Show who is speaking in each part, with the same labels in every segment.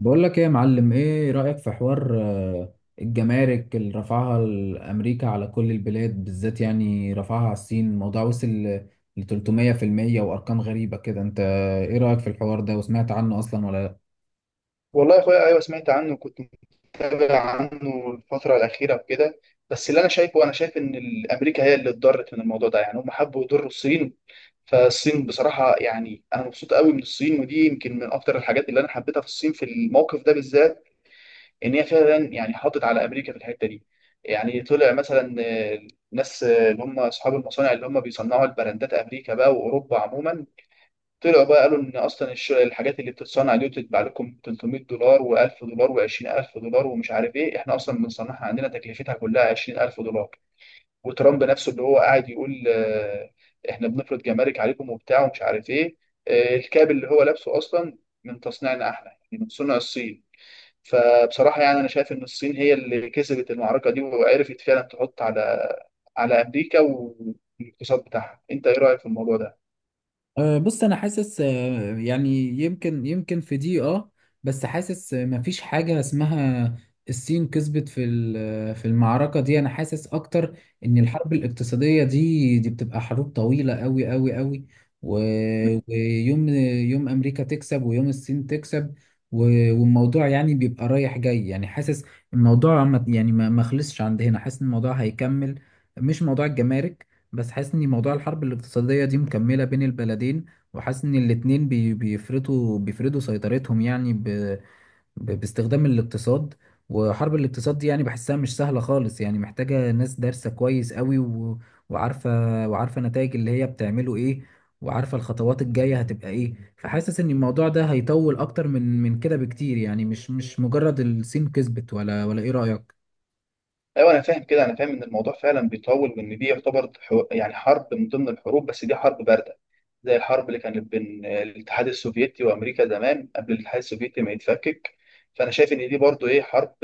Speaker 1: بقول لك ايه يا معلم؟ ايه رأيك في حوار الجمارك اللي رفعها الامريكا على كل البلاد، بالذات يعني رفعها على الصين. الموضوع وصل ل 300% وارقام غريبة كده. انت ايه رأيك في الحوار ده؟ وسمعت عنه اصلا ولا؟
Speaker 2: والله يا اخويا، ايوه سمعت عنه وكنت متابع عنه الفتره الاخيره وكده. بس اللي انا شايفه انا شايف ان امريكا هي اللي اتضرت من الموضوع ده، يعني هم حبوا يضروا الصين. فالصين بصراحه يعني انا مبسوط قوي من الصين، ودي يمكن من اكتر الحاجات اللي انا حبيتها في الصين في الموقف ده بالذات، ان هي فعلا يعني حاطت على امريكا في الحته دي. يعني طلع مثلا آه، الناس، اللي هم اصحاب المصانع اللي هم بيصنعوا البراندات امريكا بقى واوروبا عموما، طلعوا بقى قالوا ان اصلا الحاجات اللي بتتصنع دي وتتباع لكم $300 و1000 دولار و20000 دولار ومش عارف ايه، احنا اصلا بنصنعها عندنا تكلفتها كلها $20,000. وترامب نفسه اللي هو قاعد يقول احنا بنفرض جمارك عليكم وبتاع ومش عارف ايه، الكاب اللي هو لابسه اصلا من تصنيعنا احنا، يعني من صنع الصين. فبصراحة يعني انا شايف ان الصين هي اللي كسبت المعركة دي وعرفت فعلا تحط على امريكا والاقتصاد بتاعها. انت ايه رأيك في الموضوع ده؟
Speaker 1: أه، بص انا حاسس، يعني يمكن في دي، بس حاسس، مفيش حاجة اسمها الصين كسبت في في المعركة دي. انا حاسس اكتر ان الحرب الاقتصادية دي بتبقى حروب طويلة قوي قوي قوي، و- ويوم امريكا تكسب ويوم الصين تكسب، والموضوع يعني بيبقى رايح جاي. يعني حاسس الموضوع يعني ما خلصش عند هنا. حاسس ان الموضوع هيكمل، مش موضوع الجمارك، بس حاسس ان موضوع الحرب الاقتصادية دي مكملة بين البلدين. وحاسس ان الاتنين بيفرضوا سيطرتهم يعني باستخدام الاقتصاد. وحرب الاقتصاد دي يعني بحسها مش سهلة خالص، يعني محتاجة ناس دارسة كويس قوي وعارفة وعارفة نتائج اللي هي بتعمله ايه، وعارفة الخطوات الجاية هتبقى ايه. فحاسس ان الموضوع ده هيطول اكتر من كده بكتير، يعني مش مجرد الصين كسبت ولا ايه رأيك.
Speaker 2: ايوه انا فاهم كده، انا فاهم ان الموضوع فعلا بيطول، وان دي يعتبر يعني حرب من ضمن الحروب، بس دي حرب بارده، زي الحرب اللي كانت بين الاتحاد السوفيتي وامريكا زمان قبل الاتحاد السوفيتي ما يتفكك. فانا شايف ان دي برضو ايه حرب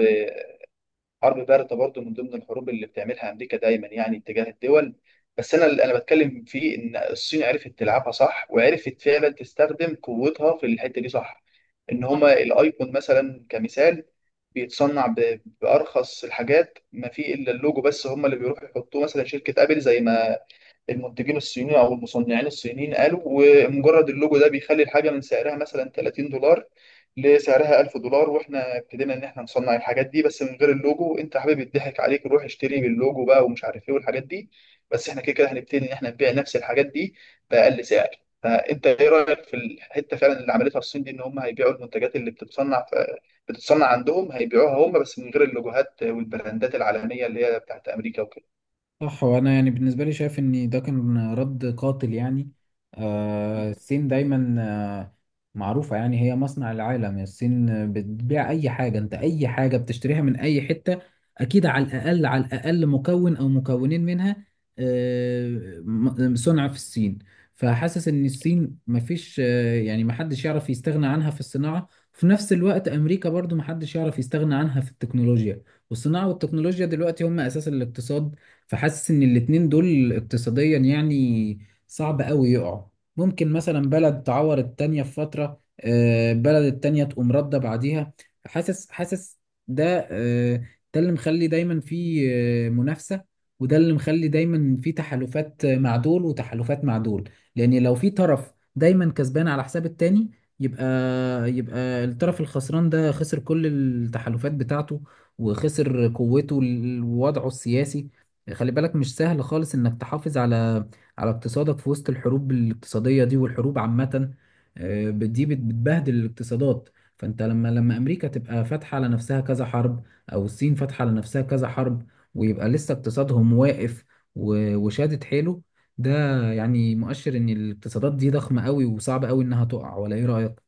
Speaker 2: حرب باردة برضو، من ضمن الحروب اللي بتعملها أمريكا دايما يعني تجاه الدول. بس أنا اللي أنا بتكلم فيه، إن الصين عرفت تلعبها صح، وعرفت فعلا تستخدم قوتها في الحتة دي صح. إن هما الأيقون مثلا كمثال بيتصنع بأرخص الحاجات، ما فيه إلا اللوجو بس هما اللي بيروحوا يحطوه. مثلا شركة أبل، زي ما المنتجين الصينيين او المصنعين الصينيين قالوا، ومجرد اللوجو ده بيخلي الحاجه من سعرها مثلا $30 لسعرها $1,000. واحنا ابتدينا ان احنا نصنع الحاجات دي بس من غير اللوجو. انت يا حبيبي يضحك عليك، روح اشتري باللوجو بقى ومش عارف ايه والحاجات دي، بس احنا كده كده هنبتدي ان احنا نبيع نفس الحاجات دي باقل سعر. فانت ايه رايك في الحته فعلا اللي عملتها الصين دي، ان هم هيبيعوا المنتجات اللي بتتصنع عندهم، هيبيعوها هم بس من غير اللوجوهات والبراندات العالميه اللي هي بتاعت امريكا وكده.
Speaker 1: صح، وانا يعني بالنسبه لي شايف ان ده كان رد قاتل. يعني الصين دايما معروفه، يعني هي مصنع العالم. الصين بتبيع اي حاجه. انت اي حاجه بتشتريها من اي حته، اكيد على الاقل على الاقل مكون او مكونين منها آه صنع في الصين. فحاسس ان الصين مفيش، يعني محدش يعرف يستغنى عنها في الصناعه. في نفس الوقت امريكا برضو محدش يعرف يستغنى عنها في التكنولوجيا، والصناعه والتكنولوجيا دلوقتي هم اساس الاقتصاد. فحاسس ان الاتنين دول اقتصاديا يعني صعب قوي يقعوا. ممكن مثلا بلد تعور التانية في فترة، بلد التانية تقوم ردة بعديها. حاسس ده آه، ده اللي مخلي دايما في منافسة، وده اللي مخلي دايما في تحالفات مع دول وتحالفات مع دول. لان لو في طرف دايما كسبان على حساب التاني، يبقى يبقى الطرف الخسران ده خسر كل التحالفات بتاعته، وخسر قوته ووضعه السياسي. خلي بالك، مش سهل خالص انك تحافظ على اقتصادك في وسط الحروب الاقتصادية دي، والحروب عامة دي بتبهدل الاقتصادات. فانت لما امريكا تبقى فاتحة على نفسها كذا حرب، او الصين فاتحة على نفسها كذا حرب، ويبقى لسه اقتصادهم واقف وشادد حيله، ده يعني مؤشر ان الاقتصادات دي ضخمة قوي وصعب قوي انها تقع. ولا ايه رأيك؟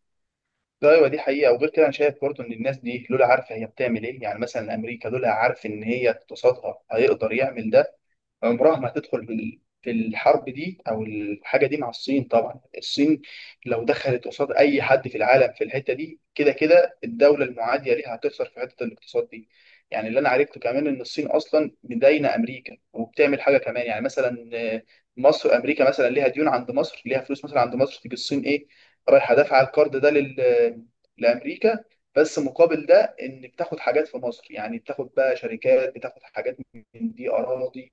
Speaker 2: ايوه دي حقيقه. وغير كده انا شايف برضه ان الناس دي لولا عارفه هي بتعمل ايه. يعني مثلا امريكا لولا عارف ان هي اقتصادها هيقدر يعمل ده عمرها ما هتدخل في الحرب دي او الحاجه دي مع الصين. طبعا الصين لو دخلت قصاد اي حد في العالم في الحته دي كده كده الدوله المعاديه ليها هتخسر في حته الاقتصاد دي. يعني اللي انا عرفته كمان، ان الصين اصلا مداينه امريكا وبتعمل حاجه كمان، يعني مثلا، مصر، امريكا مثلا ليها ديون عند مصر، ليها فلوس مثلا عند مصر، تيجي الصين ايه، رايحه دافعه القرض ده لامريكا، بس مقابل ده ان بتاخد حاجات في مصر. يعني بتاخد بقى شركات، بتاخد حاجات من دي، اراضي،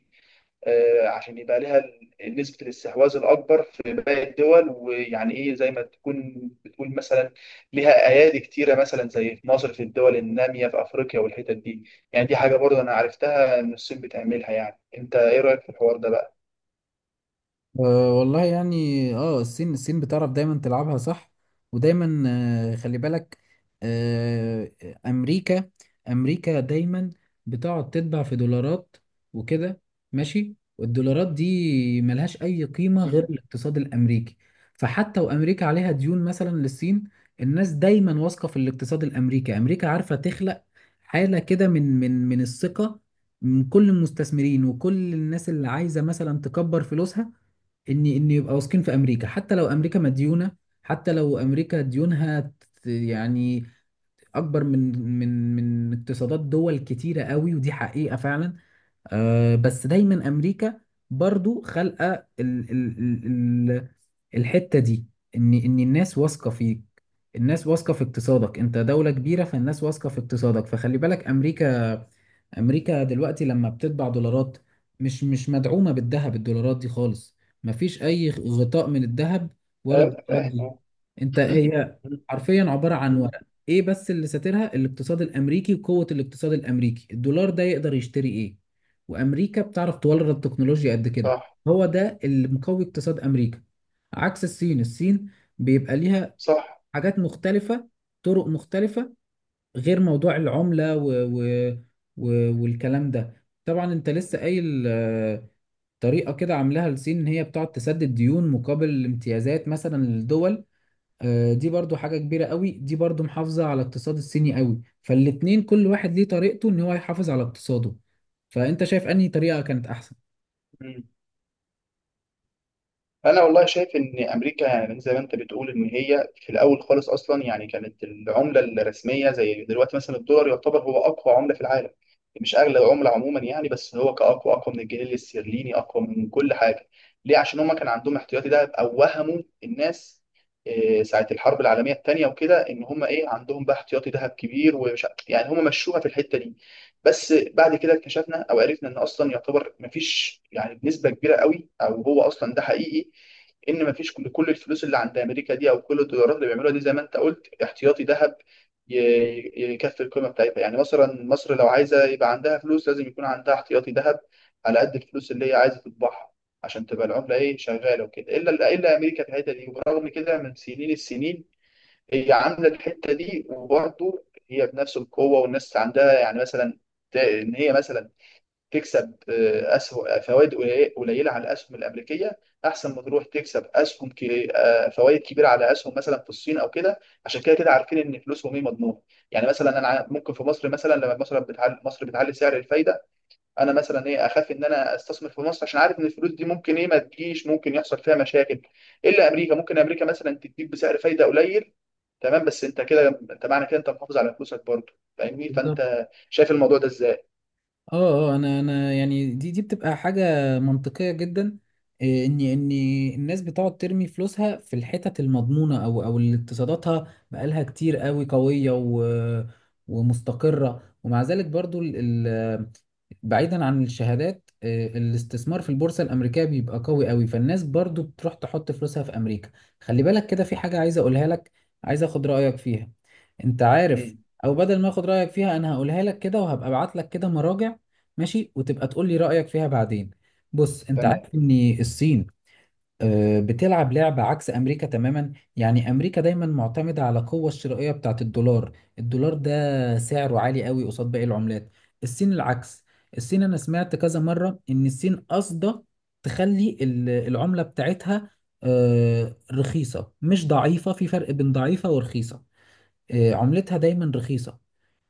Speaker 2: عشان يبقى لها نسبة الاستحواذ الأكبر في باقي الدول. ويعني إيه، زي ما تكون بتقول، مثلا لها أيادي كتيرة، مثلا زي في مصر، في الدول النامية، في أفريقيا، والحتت دي. يعني دي حاجة برضه أنا عرفتها إن الصين بتعملها. يعني أنت إيه رأيك في الحوار ده بقى؟
Speaker 1: أه، والله يعني الصين بتعرف دايما تلعبها صح، ودايما خلي بالك. آه، امريكا امريكا دايما بتقعد تتبع في دولارات وكده، ماشي. والدولارات دي ملهاش اي قيمة غير
Speaker 2: مم.
Speaker 1: الاقتصاد الامريكي. فحتى وامريكا عليها ديون مثلا للصين، الناس دايما واثقة في الاقتصاد الامريكي. امريكا عارفة تخلق حالة كده من الثقة، من كل المستثمرين وكل الناس اللي عايزة مثلا تكبر فلوسها، ان يبقى واثقين في امريكا. حتى لو امريكا مديونه، حتى لو امريكا ديونها يعني اكبر من اقتصادات دول كتيره قوي، ودي حقيقه فعلا. بس دايما امريكا برضو خلقه ال- الحته دي، ان الناس واثقه فيك. الناس واثقه في اقتصادك، انت دوله كبيره، فالناس واثقه في اقتصادك. فخلي بالك، امريكا دلوقتي لما بتطبع دولارات مش مدعومه بالذهب، الدولارات دي خالص مفيش اي غطاء من الذهب ورا
Speaker 2: أيوه
Speaker 1: الدولارات
Speaker 2: فاهم
Speaker 1: دي.
Speaker 2: أه.
Speaker 1: انت هي
Speaker 2: مم.
Speaker 1: حرفيا عباره عن
Speaker 2: مم.
Speaker 1: ورق. ايه بس اللي ساترها؟ الاقتصاد الامريكي وقوه الاقتصاد الامريكي. الدولار ده يقدر يشتري ايه، وامريكا بتعرف تورد تكنولوجيا قد كده.
Speaker 2: صح.
Speaker 1: هو ده اللي مقوي اقتصاد امريكا، عكس الصين. الصين بيبقى ليها
Speaker 2: صح.
Speaker 1: حاجات مختلفة، طرق مختلفة، غير موضوع العملة و... والكلام ده. طبعا انت لسه قايل طريقة كده عاملاها الصين ان هي بتقعد تسدد ديون مقابل امتيازات مثلا للدول. دي برضو حاجة كبيرة قوي، دي برضو محافظة على الاقتصاد الصيني قوي. فالاتنين كل واحد ليه طريقته ان هو يحافظ على اقتصاده. فانت شايف انهي طريقة كانت احسن؟
Speaker 2: انا والله شايف ان امريكا، يعني زي ما انت بتقول، ان هي في الاول خالص اصلا يعني كانت العمله الرسميه زي دلوقتي، مثلا الدولار يعتبر هو اقوى عمله في العالم، مش اغلى عمله عموما يعني، بس هو اقوى من الجنيه الاسترليني، اقوى من كل حاجه. ليه؟ عشان هما كان عندهم احتياطي دهب، او وهموا الناس ساعه الحرب العالميه الثانيه وكده، ان هما ايه، عندهم بقى احتياطي دهب كبير. ومش يعني هما مشوها في الحته دي. بس بعد كده اكتشفنا او عرفنا ان اصلا يعتبر مفيش، يعني بنسبه كبيره قوي، او هو اصلا ده حقيقي، ان مفيش كل الفلوس اللي عند امريكا دي، او كل الدولارات اللي بيعملوها دي، زي ما انت قلت، احتياطي ذهب يكفي القيمه بتاعتها. يعني مثلا مصر لو عايزه يبقى عندها فلوس لازم يكون عندها احتياطي ذهب على قد الفلوس اللي هي عايزه تطبعها عشان تبقى العمله ايه شغاله وكده، الا امريكا في الحته دي. وبرغم كده من سنين السنين هي عامله الحته دي، وبرضه هي بنفس القوه. والناس عندها يعني مثلا ان هي مثلا تكسب اسهم، فوائد قليله على الاسهم الامريكيه، احسن ما تروح تكسب اسهم فوائد كبيره على اسهم مثلا في الصين او كده، عشان كده كده عارفين ان فلوسهم ايه مضمونه. يعني مثلا انا ممكن في مصر مثلا، لما مثلا بتعلي مصر، بتعلي سعر الفايده، انا مثلا ايه، اخاف ان انا استثمر في مصر عشان عارف ان الفلوس دي ممكن ايه ما تجيش، ممكن يحصل فيها مشاكل. الا امريكا، ممكن امريكا مثلا تديك بسعر فايده قليل تمام، بس انت كده، انت معنى كده انت محافظ على فلوسك برضه، فاهمني؟
Speaker 1: كده،
Speaker 2: فانت شايف الموضوع ده ازاي؟
Speaker 1: اه، اه، انا يعني دي بتبقى حاجه منطقيه جدا. إيه، ان الناس بتقعد ترمي فلوسها في الحتت المضمونه، او اللي اقتصاداتها بقالها كتير قوي قويه، و ومستقره. ومع ذلك برضو، ال ال بعيدا عن الشهادات، الاستثمار في البورصة الأمريكية بيبقى قوي قوي، فالناس برضو بتروح تحط فلوسها في أمريكا. خلي بالك، كده في حاجة عايز أقولها لك، عايز أخد رأيك فيها، أنت عارف.
Speaker 2: امم
Speaker 1: أو بدل ما أخد رأيك فيها، أنا هقولها لك كده، وهبقى أبعت لك كده مراجع ماشي، وتبقى تقول لي رأيك فيها بعدين. بص، انت
Speaker 2: تمام،
Speaker 1: عارف ان الصين بتلعب لعبة عكس امريكا تماما. يعني امريكا دايما معتمدة على القوة الشرائية بتاعت الدولار، الدولار ده سعره عالي قوي قصاد باقي العملات. الصين العكس. الصين انا سمعت كذا مرة ان الصين قاصدة تخلي العملة بتاعتها رخيصة، مش ضعيفة. في فرق بين ضعيفة ورخيصة. عملتها دايما رخيصة.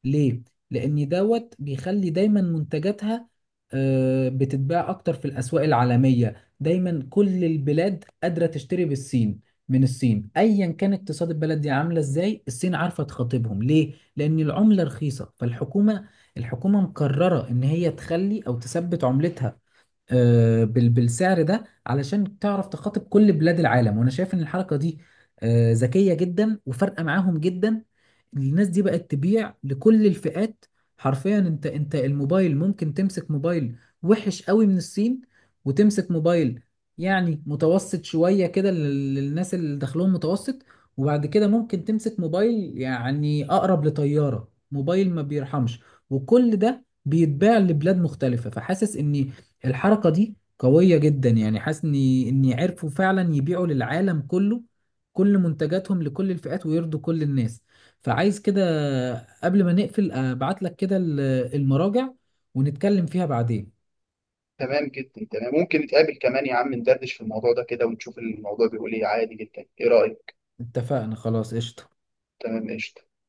Speaker 1: ليه؟ لأن دوت بيخلي دايما منتجاتها بتتباع أكتر في الأسواق العالمية. دايما كل البلاد قادرة تشتري بالصين، من الصين، أيا كان اقتصاد البلد دي عاملة إزاي، الصين عارفة تخاطبهم. ليه؟ لأن العملة رخيصة، فالحكومة، مقررة إن هي تخلي أو تثبت عملتها بالسعر ده علشان تعرف تخاطب كل بلاد العالم. وانا شايف ان الحركه دي ذكيه جدا وفارقه معاهم جدا. الناس دي بقت تبيع لكل الفئات. حرفيا، انت، الموبايل ممكن تمسك موبايل وحش قوي من الصين، وتمسك موبايل يعني متوسط شويه كده للناس اللي دخلهم متوسط، وبعد كده ممكن تمسك موبايل يعني اقرب لطياره، موبايل ما بيرحمش. وكل ده بيتباع لبلاد مختلفة. فحاسس ان الحركة دي قوية جدا، يعني حاسس ان عرفوا فعلا يبيعوا للعالم كله، كل منتجاتهم لكل الفئات، ويرضوا كل الناس. فعايز كده قبل ما نقفل ابعت لك كده المراجع، ونتكلم فيها بعدين.
Speaker 2: تمام جدا، تمام. ممكن نتقابل كمان يا عم ندردش في الموضوع ده كده ونشوف الموضوع بيقول ايه، عادي جدا. ايه رأيك؟
Speaker 1: اتفقنا، خلاص قشطة.
Speaker 2: تمام قشطة.